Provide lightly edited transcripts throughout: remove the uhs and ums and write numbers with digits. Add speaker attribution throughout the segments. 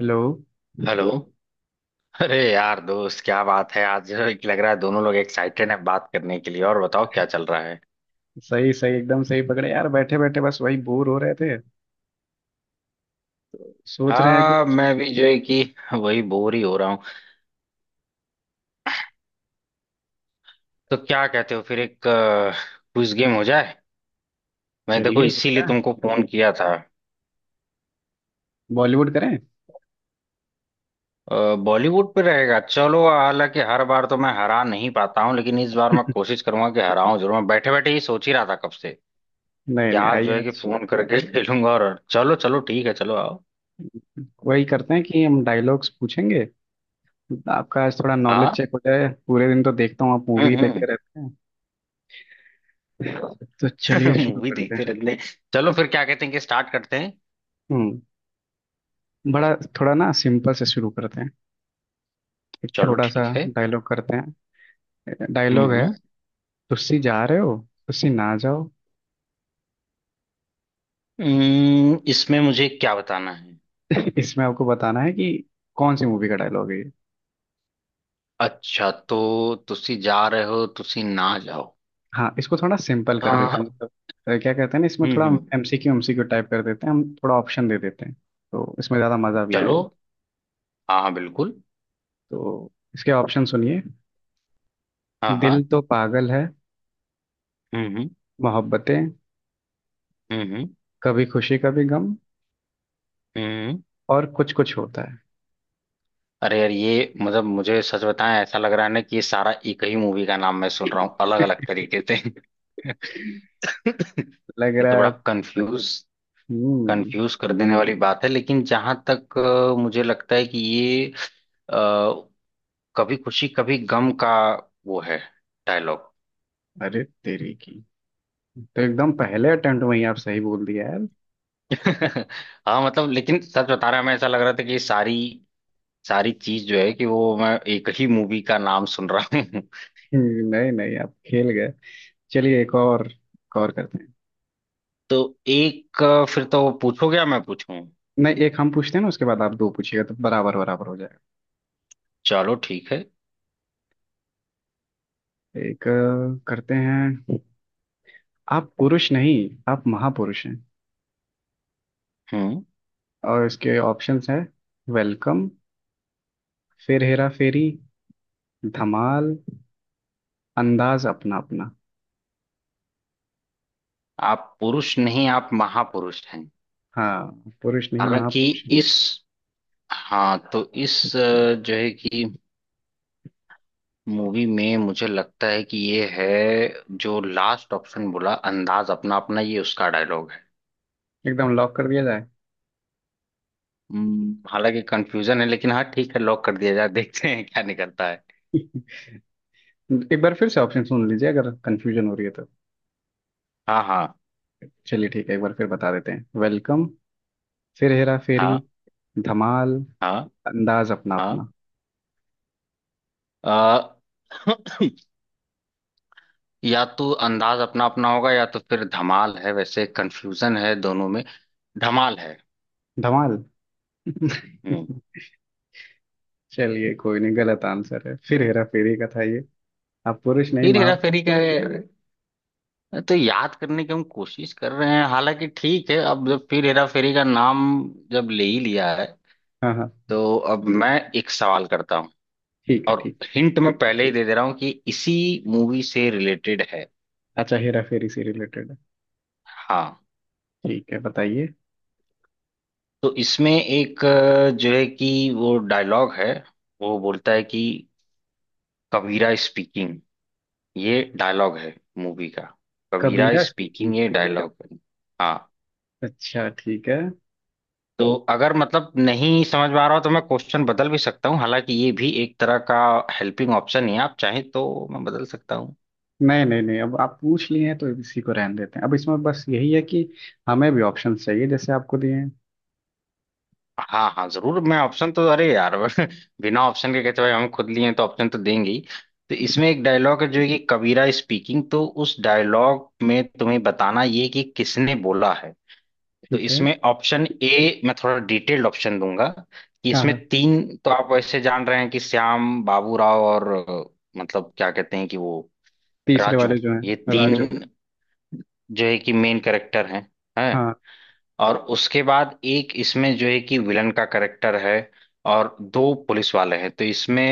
Speaker 1: Hello.
Speaker 2: Hello. अरे यार दोस्त, क्या बात है, आज लग रहा है दोनों लोग एक्साइटेड हैं बात करने के लिए। और बताओ क्या चल रहा है?
Speaker 1: सही सही एकदम सही पकड़े यार, बैठे बैठे बस वही बोर हो रहे थे। सोच रहे हैं
Speaker 2: हाँ,
Speaker 1: कुछ।
Speaker 2: मैं भी जो है कि वही बोर ही हो रहा हूँ। तो क्या कहते हो, फिर एक क्विज गेम हो जाए? मैं देखो
Speaker 1: चलिए हो
Speaker 2: इसीलिए
Speaker 1: जाए।
Speaker 2: तुमको फोन किया था।
Speaker 1: बॉलीवुड करें।
Speaker 2: बॉलीवुड पे रहेगा चलो, हालांकि हर बार तो मैं हरा नहीं पाता हूँ, लेकिन इस बार मैं कोशिश करूंगा कि हराऊं जरूर। मैं बैठे बैठे ही सोच ही रहा था कब से कि
Speaker 1: नहीं नहीं
Speaker 2: आज जो
Speaker 1: आइए
Speaker 2: है कि
Speaker 1: आज
Speaker 2: फोन करके खेलूंगा, और चलो चलो ठीक है, चलो आओ।
Speaker 1: वही करते हैं कि हम डायलॉग्स पूछेंगे। आपका आज थोड़ा नॉलेज
Speaker 2: हाँ।
Speaker 1: चेक हो जाए, पूरे दिन तो देखता हूँ आप मूवी
Speaker 2: हम्म।
Speaker 1: देखते रहते हैं। तो चलिए शुरू
Speaker 2: मूवी
Speaker 1: करते
Speaker 2: देखते
Speaker 1: हैं।
Speaker 2: रहते हैं। चलो फिर क्या कहते हैं कि स्टार्ट करते हैं।
Speaker 1: हम्म। बड़ा थोड़ा ना सिंपल से शुरू करते हैं। एक
Speaker 2: चलो
Speaker 1: छोटा सा
Speaker 2: ठीक है।
Speaker 1: डायलॉग करते हैं। डायलॉग है,
Speaker 2: हम्म।
Speaker 1: तुसी जा रहे हो तुसी ना जाओ।
Speaker 2: इसमें मुझे क्या बताना है?
Speaker 1: इसमें आपको बताना है कि कौन सी मूवी का डायलॉग है ये।
Speaker 2: अच्छा, तो तुसी जा रहे हो, तुसी ना जाओ।
Speaker 1: हाँ इसको थोड़ा सिंपल कर
Speaker 2: हाँ
Speaker 1: देते हैं,
Speaker 2: हाँ।
Speaker 1: मतलब क्या कहते हैं ना, इसमें थोड़ा
Speaker 2: हम्म।
Speaker 1: MCQ MCQ टाइप कर देते हैं, हम थोड़ा ऑप्शन दे देते हैं तो इसमें ज़्यादा मज़ा भी
Speaker 2: चलो।
Speaker 1: आएगा।
Speaker 2: हाँ हाँ बिल्कुल।
Speaker 1: तो इसके ऑप्शन सुनिए।
Speaker 2: हाँ हाँ।
Speaker 1: दिल तो पागल है।
Speaker 2: हम्म।
Speaker 1: मोहब्बतें।
Speaker 2: हम्म।
Speaker 1: कभी खुशी कभी गम।
Speaker 2: हम्म।
Speaker 1: और कुछ कुछ होता है।
Speaker 2: अरे यार, ये मतलब मुझे सच बताएं, ऐसा लग रहा है ना कि ये सारा एक ही मूवी का नाम मैं सुन रहा हूँ, अलग अलग तरीके से।
Speaker 1: लग
Speaker 2: ये
Speaker 1: रहा
Speaker 2: तो
Speaker 1: है
Speaker 2: बड़ा
Speaker 1: आप-।
Speaker 2: कंफ्यूज
Speaker 1: हम्म।
Speaker 2: कंफ्यूज कर देने वाली बात है। लेकिन जहां तक मुझे लगता है कि ये अ, कभी खुशी कभी गम का वो है डायलॉग।
Speaker 1: अरे तेरी की। तो एकदम पहले अटेम्प्ट में ही आप सही बोल दिया यार।
Speaker 2: हाँ मतलब, लेकिन सच बता रहा हूं, मैं ऐसा लग रहा था कि सारी सारी चीज जो है कि वो मैं एक ही मूवी का नाम सुन रहा हूँ।
Speaker 1: नहीं नहीं आप खेल गए। चलिए एक और करते हैं।
Speaker 2: तो एक फिर तो वो पूछोगे या मैं पूछूं?
Speaker 1: नहीं, एक हम पूछते हैं ना, उसके बाद आप दो पूछिएगा तो बराबर बराबर हो जाएगा।
Speaker 2: चलो ठीक है।
Speaker 1: एक करते हैं। आप पुरुष नहीं, आप महापुरुष हैं।
Speaker 2: हम्म।
Speaker 1: और इसके ऑप्शंस हैं। वेलकम। फिर हेरा फेरी। धमाल। अंदाज अपना अपना।
Speaker 2: आप पुरुष नहीं, आप महापुरुष हैं।
Speaker 1: हाँ, पुरुष नहीं
Speaker 2: हालांकि
Speaker 1: महापुरुष हैं।
Speaker 2: इस, हाँ तो इस जो है कि मूवी में मुझे लगता है कि ये है, जो लास्ट ऑप्शन बोला अंदाज अपना अपना, ये उसका डायलॉग है।
Speaker 1: एकदम लॉक कर दिया जाए।
Speaker 2: हालांकि कंफ्यूजन है, लेकिन हाँ ठीक है, लॉक कर दिया जाए, देखते हैं क्या निकलता है।
Speaker 1: एक बार फिर से ऑप्शन सुन लीजिए अगर कंफ्यूजन हो रही है तो।
Speaker 2: हाँ हाँ।
Speaker 1: चलिए ठीक है, एक बार फिर बता देते हैं। वेलकम। फिर हेरा फेरी।
Speaker 2: हाँ।
Speaker 1: धमाल।
Speaker 2: हाँ।
Speaker 1: अंदाज अपना
Speaker 2: हाँ।
Speaker 1: अपना।
Speaker 2: अ, या तो अंदाज अपना अपना होगा, या तो फिर धमाल है, वैसे कंफ्यूजन है दोनों में। धमाल है।
Speaker 1: धमाल।
Speaker 2: हम्म।
Speaker 1: चलिए कोई नहीं, गलत आंसर है, फिर हेरा फेरी का था ये। आप पुरुष नहीं।
Speaker 2: फिर हेरा फेरी का, तो याद करने की हम कोशिश कर रहे हैं। हालांकि ठीक है, अब जब फिर हेरा फेरी का नाम जब ले ही लिया है
Speaker 1: हाँ हाँ।
Speaker 2: तो अब मैं एक सवाल करता हूँ।
Speaker 1: ठीक है
Speaker 2: और
Speaker 1: ठीक
Speaker 2: हिंट मैं पहले ही दे दे रहा हूँ कि इसी मूवी से रिलेटेड है।
Speaker 1: है। अच्छा, हेरा फेरी से रिलेटेड है।
Speaker 2: हाँ,
Speaker 1: ठीक है बताइए।
Speaker 2: तो इसमें एक जो है कि वो डायलॉग है, वो बोलता है कि कबीरा स्पीकिंग। ये डायलॉग है मूवी का, कबीरा
Speaker 1: कबीरा स्पीकिंग।
Speaker 2: स्पीकिंग ये डायलॉग है। हाँ,
Speaker 1: अच्छा ठीक है।
Speaker 2: तो अगर मतलब नहीं समझ में आ रहा हो तो मैं क्वेश्चन बदल भी सकता हूँ, हालांकि ये भी एक तरह का हेल्पिंग ऑप्शन ही है, आप चाहें तो मैं बदल सकता हूँ।
Speaker 1: नहीं नहीं नहीं, अब आप पूछ लिए हैं तो इसी को रहने देते हैं। अब इसमें बस यही है कि हमें भी ऑप्शन चाहिए जैसे आपको दिए हैं।
Speaker 2: हाँ हाँ जरूर, मैं ऑप्शन तो, अरे यार बिना ऑप्शन के कहते, भाई हम खुद लिए हैं तो ऑप्शन तो देंगे ही। तो इसमें एक डायलॉग है जो है कि कबीरा स्पीकिंग, तो उस डायलॉग में तुम्हें बताना ये कि किसने बोला है। तो
Speaker 1: ठीक है।
Speaker 2: इसमें ऑप्शन ए, मैं थोड़ा डिटेल्ड ऑप्शन दूंगा, कि
Speaker 1: हाँ
Speaker 2: इसमें
Speaker 1: हाँ।
Speaker 2: तीन तो आप वैसे जान रहे हैं कि श्याम बाबूराव और मतलब क्या कहते हैं कि वो
Speaker 1: तीसरे
Speaker 2: राजू,
Speaker 1: वाले जो
Speaker 2: ये
Speaker 1: हैं, राजू।
Speaker 2: तीन जो है कि मेन कैरेक्टर हैं, हैं।
Speaker 1: हाँ।
Speaker 2: और उसके बाद एक इसमें जो है कि विलन का करेक्टर है, और दो पुलिस वाले हैं। तो इसमें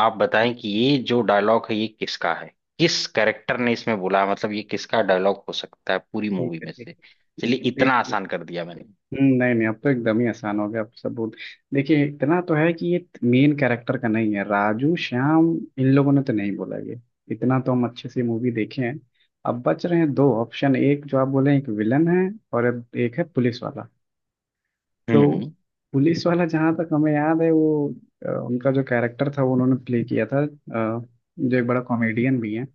Speaker 2: आप बताएं कि ये जो डायलॉग है ये किसका है, किस करेक्टर ने इसमें बोला है? मतलब ये किसका डायलॉग हो सकता है पूरी
Speaker 1: ठीक
Speaker 2: मूवी
Speaker 1: है
Speaker 2: में
Speaker 1: ठीक
Speaker 2: से?
Speaker 1: है।
Speaker 2: चलिए इतना
Speaker 1: देखिए।
Speaker 2: आसान कर दिया मैंने।
Speaker 1: नहीं नहीं, अब तो एकदम ही आसान हो गया, अब सबूत। देखिए, इतना तो है कि ये मेन कैरेक्टर का नहीं है, राजू श्याम इन लोगों ने तो नहीं बोला ये। इतना तो हम अच्छे से मूवी देखे हैं। अब बच रहे हैं दो ऑप्शन, एक जो आप बोले एक विलन है, और अब एक है पुलिस वाला। तो
Speaker 2: हम्म।
Speaker 1: पुलिस वाला जहाँ तक हमें याद है वो उनका जो कैरेक्टर था वो उन्होंने प्ले किया था जो एक बड़ा कॉमेडियन भी है।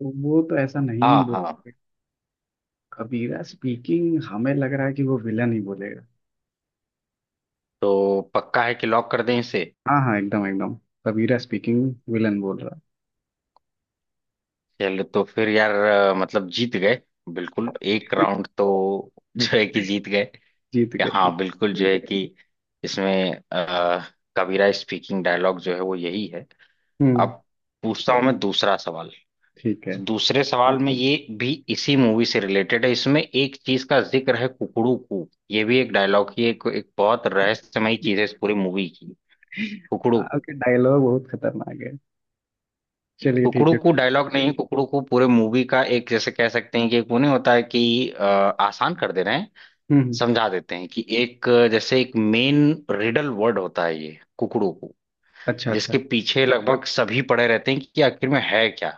Speaker 1: तो वो तो ऐसा नहीं
Speaker 2: हाँ
Speaker 1: बोल।
Speaker 2: हाँ।
Speaker 1: कबीरा स्पीकिंग, हमें लग रहा है कि वो विलन ही बोलेगा।
Speaker 2: तो पक्का है कि लॉक कर दें इसे?
Speaker 1: हाँ हाँ, एकदम एकदम। सबीरा स्पीकिंग विलन बोल रहा।
Speaker 2: चलो तो फिर यार, मतलब जीत गए, बिल्कुल एक राउंड तो जो है कि जीत गए।
Speaker 1: जीत गए जीत।
Speaker 2: हाँ बिल्कुल जो है कि इसमें कबीरा स्पीकिंग डायलॉग जो है वो यही है।
Speaker 1: हम्म।
Speaker 2: अब पूछता हूँ मैं दूसरा सवाल।
Speaker 1: ठीक है।
Speaker 2: तो दूसरे सवाल में ये भी इसी मूवी से रिलेटेड है, इसमें एक चीज का जिक्र है कुकड़ू कू, ये भी एक डायलॉग ही, एक, एक बहुत रहस्यमयी चीज है इस पूरी मूवी की, कुकड़ू कू।
Speaker 1: आपके डायलॉग बहुत खतरनाक है। चलिए ठीक
Speaker 2: कुकड़ू
Speaker 1: है।
Speaker 2: कू डायलॉग नहीं, कुकड़ू कू पूरे मूवी का एक जैसे कह सकते हैं कि एक, वो नहीं होता है कि आसान कर दे रहे हैं,
Speaker 1: हम्म।
Speaker 2: समझा देते हैं कि एक जैसे एक मेन रिडल वर्ड होता है ये कुकड़ू कू,
Speaker 1: अच्छा अच्छा।
Speaker 2: जिसके पीछे लगभग सभी पड़े रहते हैं कि आखिर में है क्या।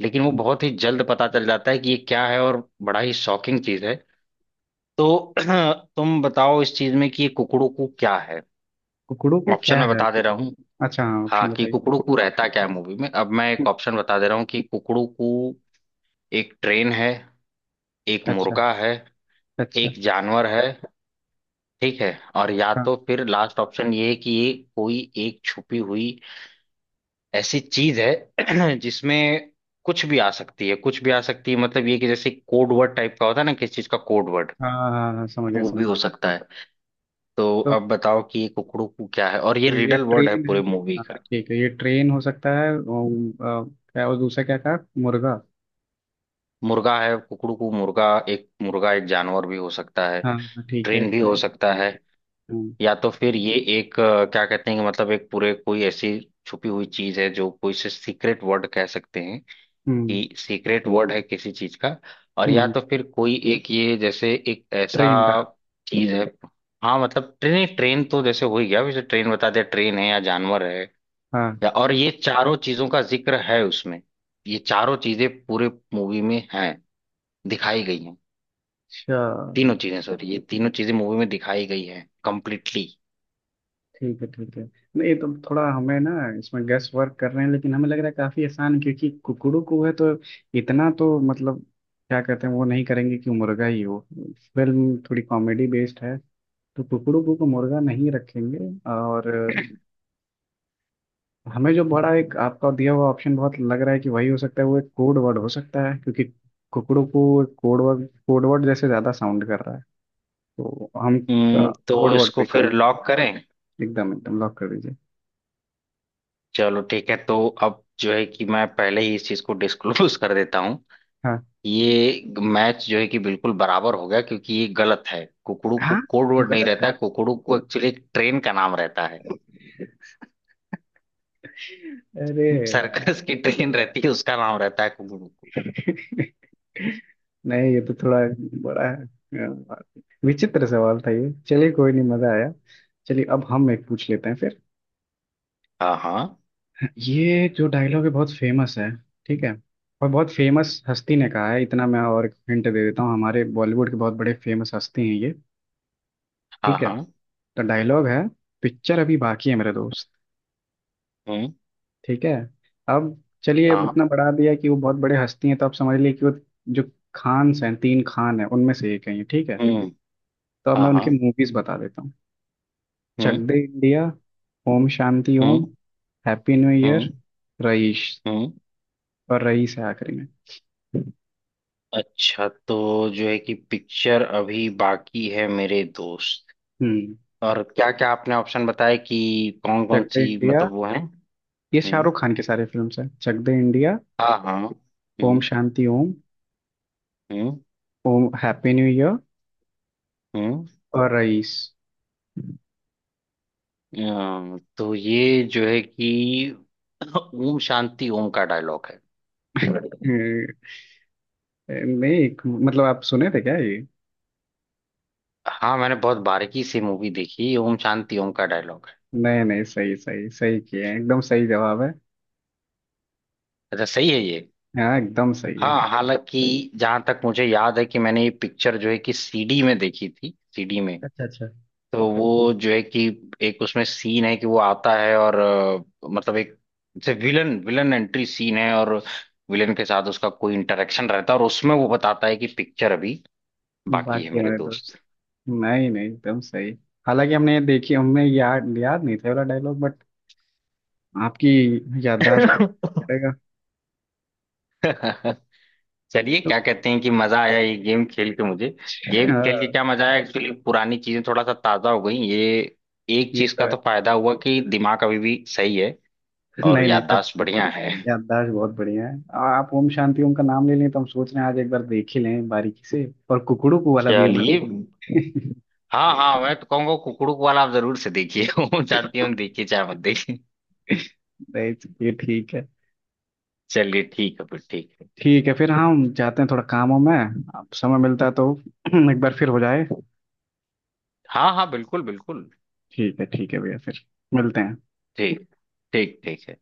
Speaker 2: लेकिन वो बहुत ही जल्द पता चल जाता है कि ये क्या है, और बड़ा ही शॉकिंग चीज है। तो तुम बताओ इस चीज में कि ये कुकड़ू क्या है।
Speaker 1: कुकड़ों को
Speaker 2: ऑप्शन
Speaker 1: क्या
Speaker 2: मैं
Speaker 1: है।
Speaker 2: बता दे रहा हूँ,
Speaker 1: अच्छा हाँ,
Speaker 2: हाँ
Speaker 1: ऑप्शन
Speaker 2: कि
Speaker 1: बताइए।
Speaker 2: कुकड़ू रहता क्या है मूवी में। अब मैं एक
Speaker 1: हम्म,
Speaker 2: ऑप्शन बता दे रहा हूँ कि कुकड़ू एक ट्रेन है, एक
Speaker 1: अच्छा
Speaker 2: मुर्गा है,
Speaker 1: अच्छा।
Speaker 2: एक जानवर है, ठीक है। और या तो फिर लास्ट ऑप्शन ये है कि ये कोई एक छुपी हुई ऐसी चीज है जिसमें कुछ भी आ सकती है, कुछ भी आ सकती है। मतलब ये कि जैसे कोड वर्ड टाइप का होता है ना, किस चीज का कोड वर्ड,
Speaker 1: हाँ हाँ हाँ हाँ, समझ गया
Speaker 2: वो
Speaker 1: समझ
Speaker 2: भी हो
Speaker 1: गया।
Speaker 2: सकता है। तो
Speaker 1: तो,
Speaker 2: अब बताओ कि ये कुकड़ू क्या है, और ये
Speaker 1: तो ये
Speaker 2: रिडल वर्ड है
Speaker 1: ट्रेन है।
Speaker 2: पूरे मूवी
Speaker 1: हाँ
Speaker 2: का।
Speaker 1: ठीक है, ये ट्रेन हो सकता है और, क्या, और दूसरा क्या कहा, मुर्गा।
Speaker 2: मुर्गा है कुकड़ू को, मुर्गा एक जानवर भी हो सकता है,
Speaker 1: हाँ हाँ, ठीक है,
Speaker 2: ट्रेन भी हो
Speaker 1: ट्रेन।
Speaker 2: सकता है।
Speaker 1: हम्म
Speaker 2: या तो फिर ये एक क्या कहते हैं कि मतलब एक पूरे कोई ऐसी छुपी हुई चीज है जो कोई से सीक्रेट वर्ड कह सकते हैं,
Speaker 1: हम्म
Speaker 2: कि सीक्रेट वर्ड है किसी चीज का। और या
Speaker 1: हम्म,
Speaker 2: तो फिर कोई एक ये जैसे एक ऐसा
Speaker 1: ट्रेन का।
Speaker 2: चीज है। हाँ मतलब ट्रेन ट्रेन तो जैसे हो ही गया, वैसे ट्रेन बता दिया, ट्रेन है या जानवर है
Speaker 1: हाँ,
Speaker 2: या, और ये चारों चीजों का जिक्र है उसमें, ये चारों चीजें पूरे मूवी में हैं, दिखाई गई हैं।
Speaker 1: अच्छा
Speaker 2: तीनों चीजें सॉरी, ये तीनों चीजें मूवी में दिखाई गई हैं कंप्लीटली।
Speaker 1: ठीक है ठीक है। नहीं ये तो थोड़ा हमें ना, इसमें गैस वर्क कर रहे हैं, लेकिन हमें लग रहा है काफी आसान है, क्योंकि कुकड़ू को है तो, इतना तो मतलब, क्या कहते हैं, वो नहीं करेंगे कि मुर्गा ही हो। फिल्म थोड़ी कॉमेडी बेस्ड है, तो कुकड़ू को तो मुर्गा नहीं रखेंगे। और हमें जो बड़ा एक आपका दिया हुआ ऑप्शन बहुत लग रहा है कि वही हो सकता है, वो एक कोड वर्ड हो सकता है, क्योंकि कुकड़ू को कोड वर्ड, कोड वर्ड जैसे ज्यादा साउंड कर रहा है। तो हम कोड
Speaker 2: तो
Speaker 1: वर्ड
Speaker 2: इसको
Speaker 1: पे ही
Speaker 2: फिर
Speaker 1: करेंगे।
Speaker 2: लॉक करें।
Speaker 1: एकदम एकदम लॉक कर दीजिए।
Speaker 2: चलो ठीक है। तो अब जो है कि मैं पहले ही इस चीज को डिस्क्लोज कर देता हूँ,
Speaker 1: हाँ
Speaker 2: ये मैच जो है कि बिल्कुल बराबर हो गया, क्योंकि ये गलत है, कुकड़ू को
Speaker 1: हाँ,
Speaker 2: कोड वर्ड नहीं रहता
Speaker 1: गलत।
Speaker 2: है, कुकड़ू को एक्चुअली ट्रेन का नाम रहता है,
Speaker 1: अरे यार।
Speaker 2: सर्कस की ट्रेन रहती है, उसका नाम रहता है कुकड़ू को।
Speaker 1: नहीं ये तो थोड़ा बड़ा है, विचित्र सवाल था ये। चलिए कोई नहीं, मजा आया। चलिए अब हम एक पूछ लेते हैं फिर।
Speaker 2: हाँ हाँ।
Speaker 1: ये जो डायलॉग है बहुत फेमस है। ठीक है। और बहुत फेमस हस्ती ने कहा है, इतना मैं और हिंट दे देता हूँ, हमारे बॉलीवुड के बहुत बड़े फेमस हस्ती हैं ये।
Speaker 2: हाँ
Speaker 1: ठीक है।
Speaker 2: हाँ।
Speaker 1: तो डायलॉग है, पिक्चर अभी बाकी है मेरे दोस्त।
Speaker 2: हम्म।
Speaker 1: ठीक है। अब चलिए, अब
Speaker 2: हाँ।
Speaker 1: इतना बढ़ा दिया कि वो बहुत बड़े हस्ती हैं तो आप समझ लिए कि वो जो खान्स हैं, तीन खान हैं उनमें से एक है ये। ठीक है।
Speaker 2: हम्म।
Speaker 1: तो अब
Speaker 2: हाँ
Speaker 1: मैं उनकी
Speaker 2: हाँ।
Speaker 1: मूवीज बता देता हूँ। चक
Speaker 2: हम्म
Speaker 1: दे इंडिया। ओम शांति ओम।
Speaker 2: हम्म।
Speaker 1: Happy new year.
Speaker 2: हम्म
Speaker 1: रईस।
Speaker 2: हम्म।
Speaker 1: और रईस है आखिरी में।
Speaker 2: अच्छा, तो जो है कि पिक्चर अभी बाकी है मेरे दोस्त,
Speaker 1: हम्म।
Speaker 2: और क्या क्या आपने ऑप्शन बताए कि कौन कौन
Speaker 1: चक दे
Speaker 2: सी
Speaker 1: इंडिया,
Speaker 2: मतलब वो है।
Speaker 1: ये
Speaker 2: हम्म।
Speaker 1: शाहरुख खान के सारे फिल्म्स हैं। चक दे इंडिया।
Speaker 2: हाँ हाँ।
Speaker 1: ओम शांति ओम।
Speaker 2: हम्म।
Speaker 1: Om happy new year.
Speaker 2: हम्म।
Speaker 1: और रईस।
Speaker 2: तो ये जो है कि ओम शांति ओम का डायलॉग है।
Speaker 1: नहीं, मतलब आप सुने थे क्या ये।
Speaker 2: हाँ मैंने बहुत बारीकी से मूवी देखी, ओम शांति ओम का डायलॉग है।
Speaker 1: नहीं नहीं, सही सही सही किए हैं, एकदम सही जवाब है।
Speaker 2: अच्छा सही है ये?
Speaker 1: हाँ एकदम सही है।
Speaker 2: हाँ, हालांकि जहां तक मुझे याद है कि मैंने ये पिक्चर जो है कि सीडी में देखी थी, सीडी में। तो वो जो है कि एक उसमें सीन है कि वो आता है और मतलब एक जैसे विलन विलन एंट्री सीन है, और विलन के साथ उसका कोई इंटरेक्शन रहता है और उसमें वो बताता है कि पिक्चर अभी बाकी है
Speaker 1: बाकी
Speaker 2: मेरे
Speaker 1: मेरे
Speaker 2: दोस्त।
Speaker 1: दोस्त। नहीं नहीं एकदम सही। हालांकि हमने ये देखी, हमने याद याद नहीं था ये वाला डायलॉग, बट आपकी याददाश्त को पड़ेगा।
Speaker 2: चलिए
Speaker 1: तो
Speaker 2: क्या कहते हैं कि मजा आया ये गेम खेल के मुझे, गेम खेल के
Speaker 1: हाँ,
Speaker 2: क्या मजा आया एक्चुअली, पुरानी चीजें थोड़ा सा ताजा हो गई। ये एक
Speaker 1: ये
Speaker 2: चीज
Speaker 1: तो
Speaker 2: का
Speaker 1: है।
Speaker 2: तो फायदा हुआ कि दिमाग अभी भी सही है, और
Speaker 1: नहीं नहीं, सच
Speaker 2: याददाश्त
Speaker 1: में
Speaker 2: बढ़िया है।
Speaker 1: याददाश्त बहुत बढ़िया है। आप ओम शांति ओम का नाम ले लें तो हम सोच रहे हैं आज एक बार देख ही लें बारीकी से, और कुकड़ू को वाला भी एक बार
Speaker 2: चलिए
Speaker 1: देख।
Speaker 2: हाँ हाँ, मैं तो कहूंगा कुकड़ू वाला आप जरूर से देखिए। वो जानती हूँ, देखिए चाहे मत देखिए।
Speaker 1: नहीं, ये ठीक है।
Speaker 2: चलिए ठीक है फिर, ठीक है।
Speaker 1: ठीक है फिर, हम जाते हैं, थोड़ा काम हो में अब समय मिलता है तो। एक बार फिर हो जाए।
Speaker 2: हाँ हाँ बिल्कुल बिल्कुल।
Speaker 1: ठीक है भैया, फिर मिलते हैं।
Speaker 2: ठीक, ठीक ठीक है।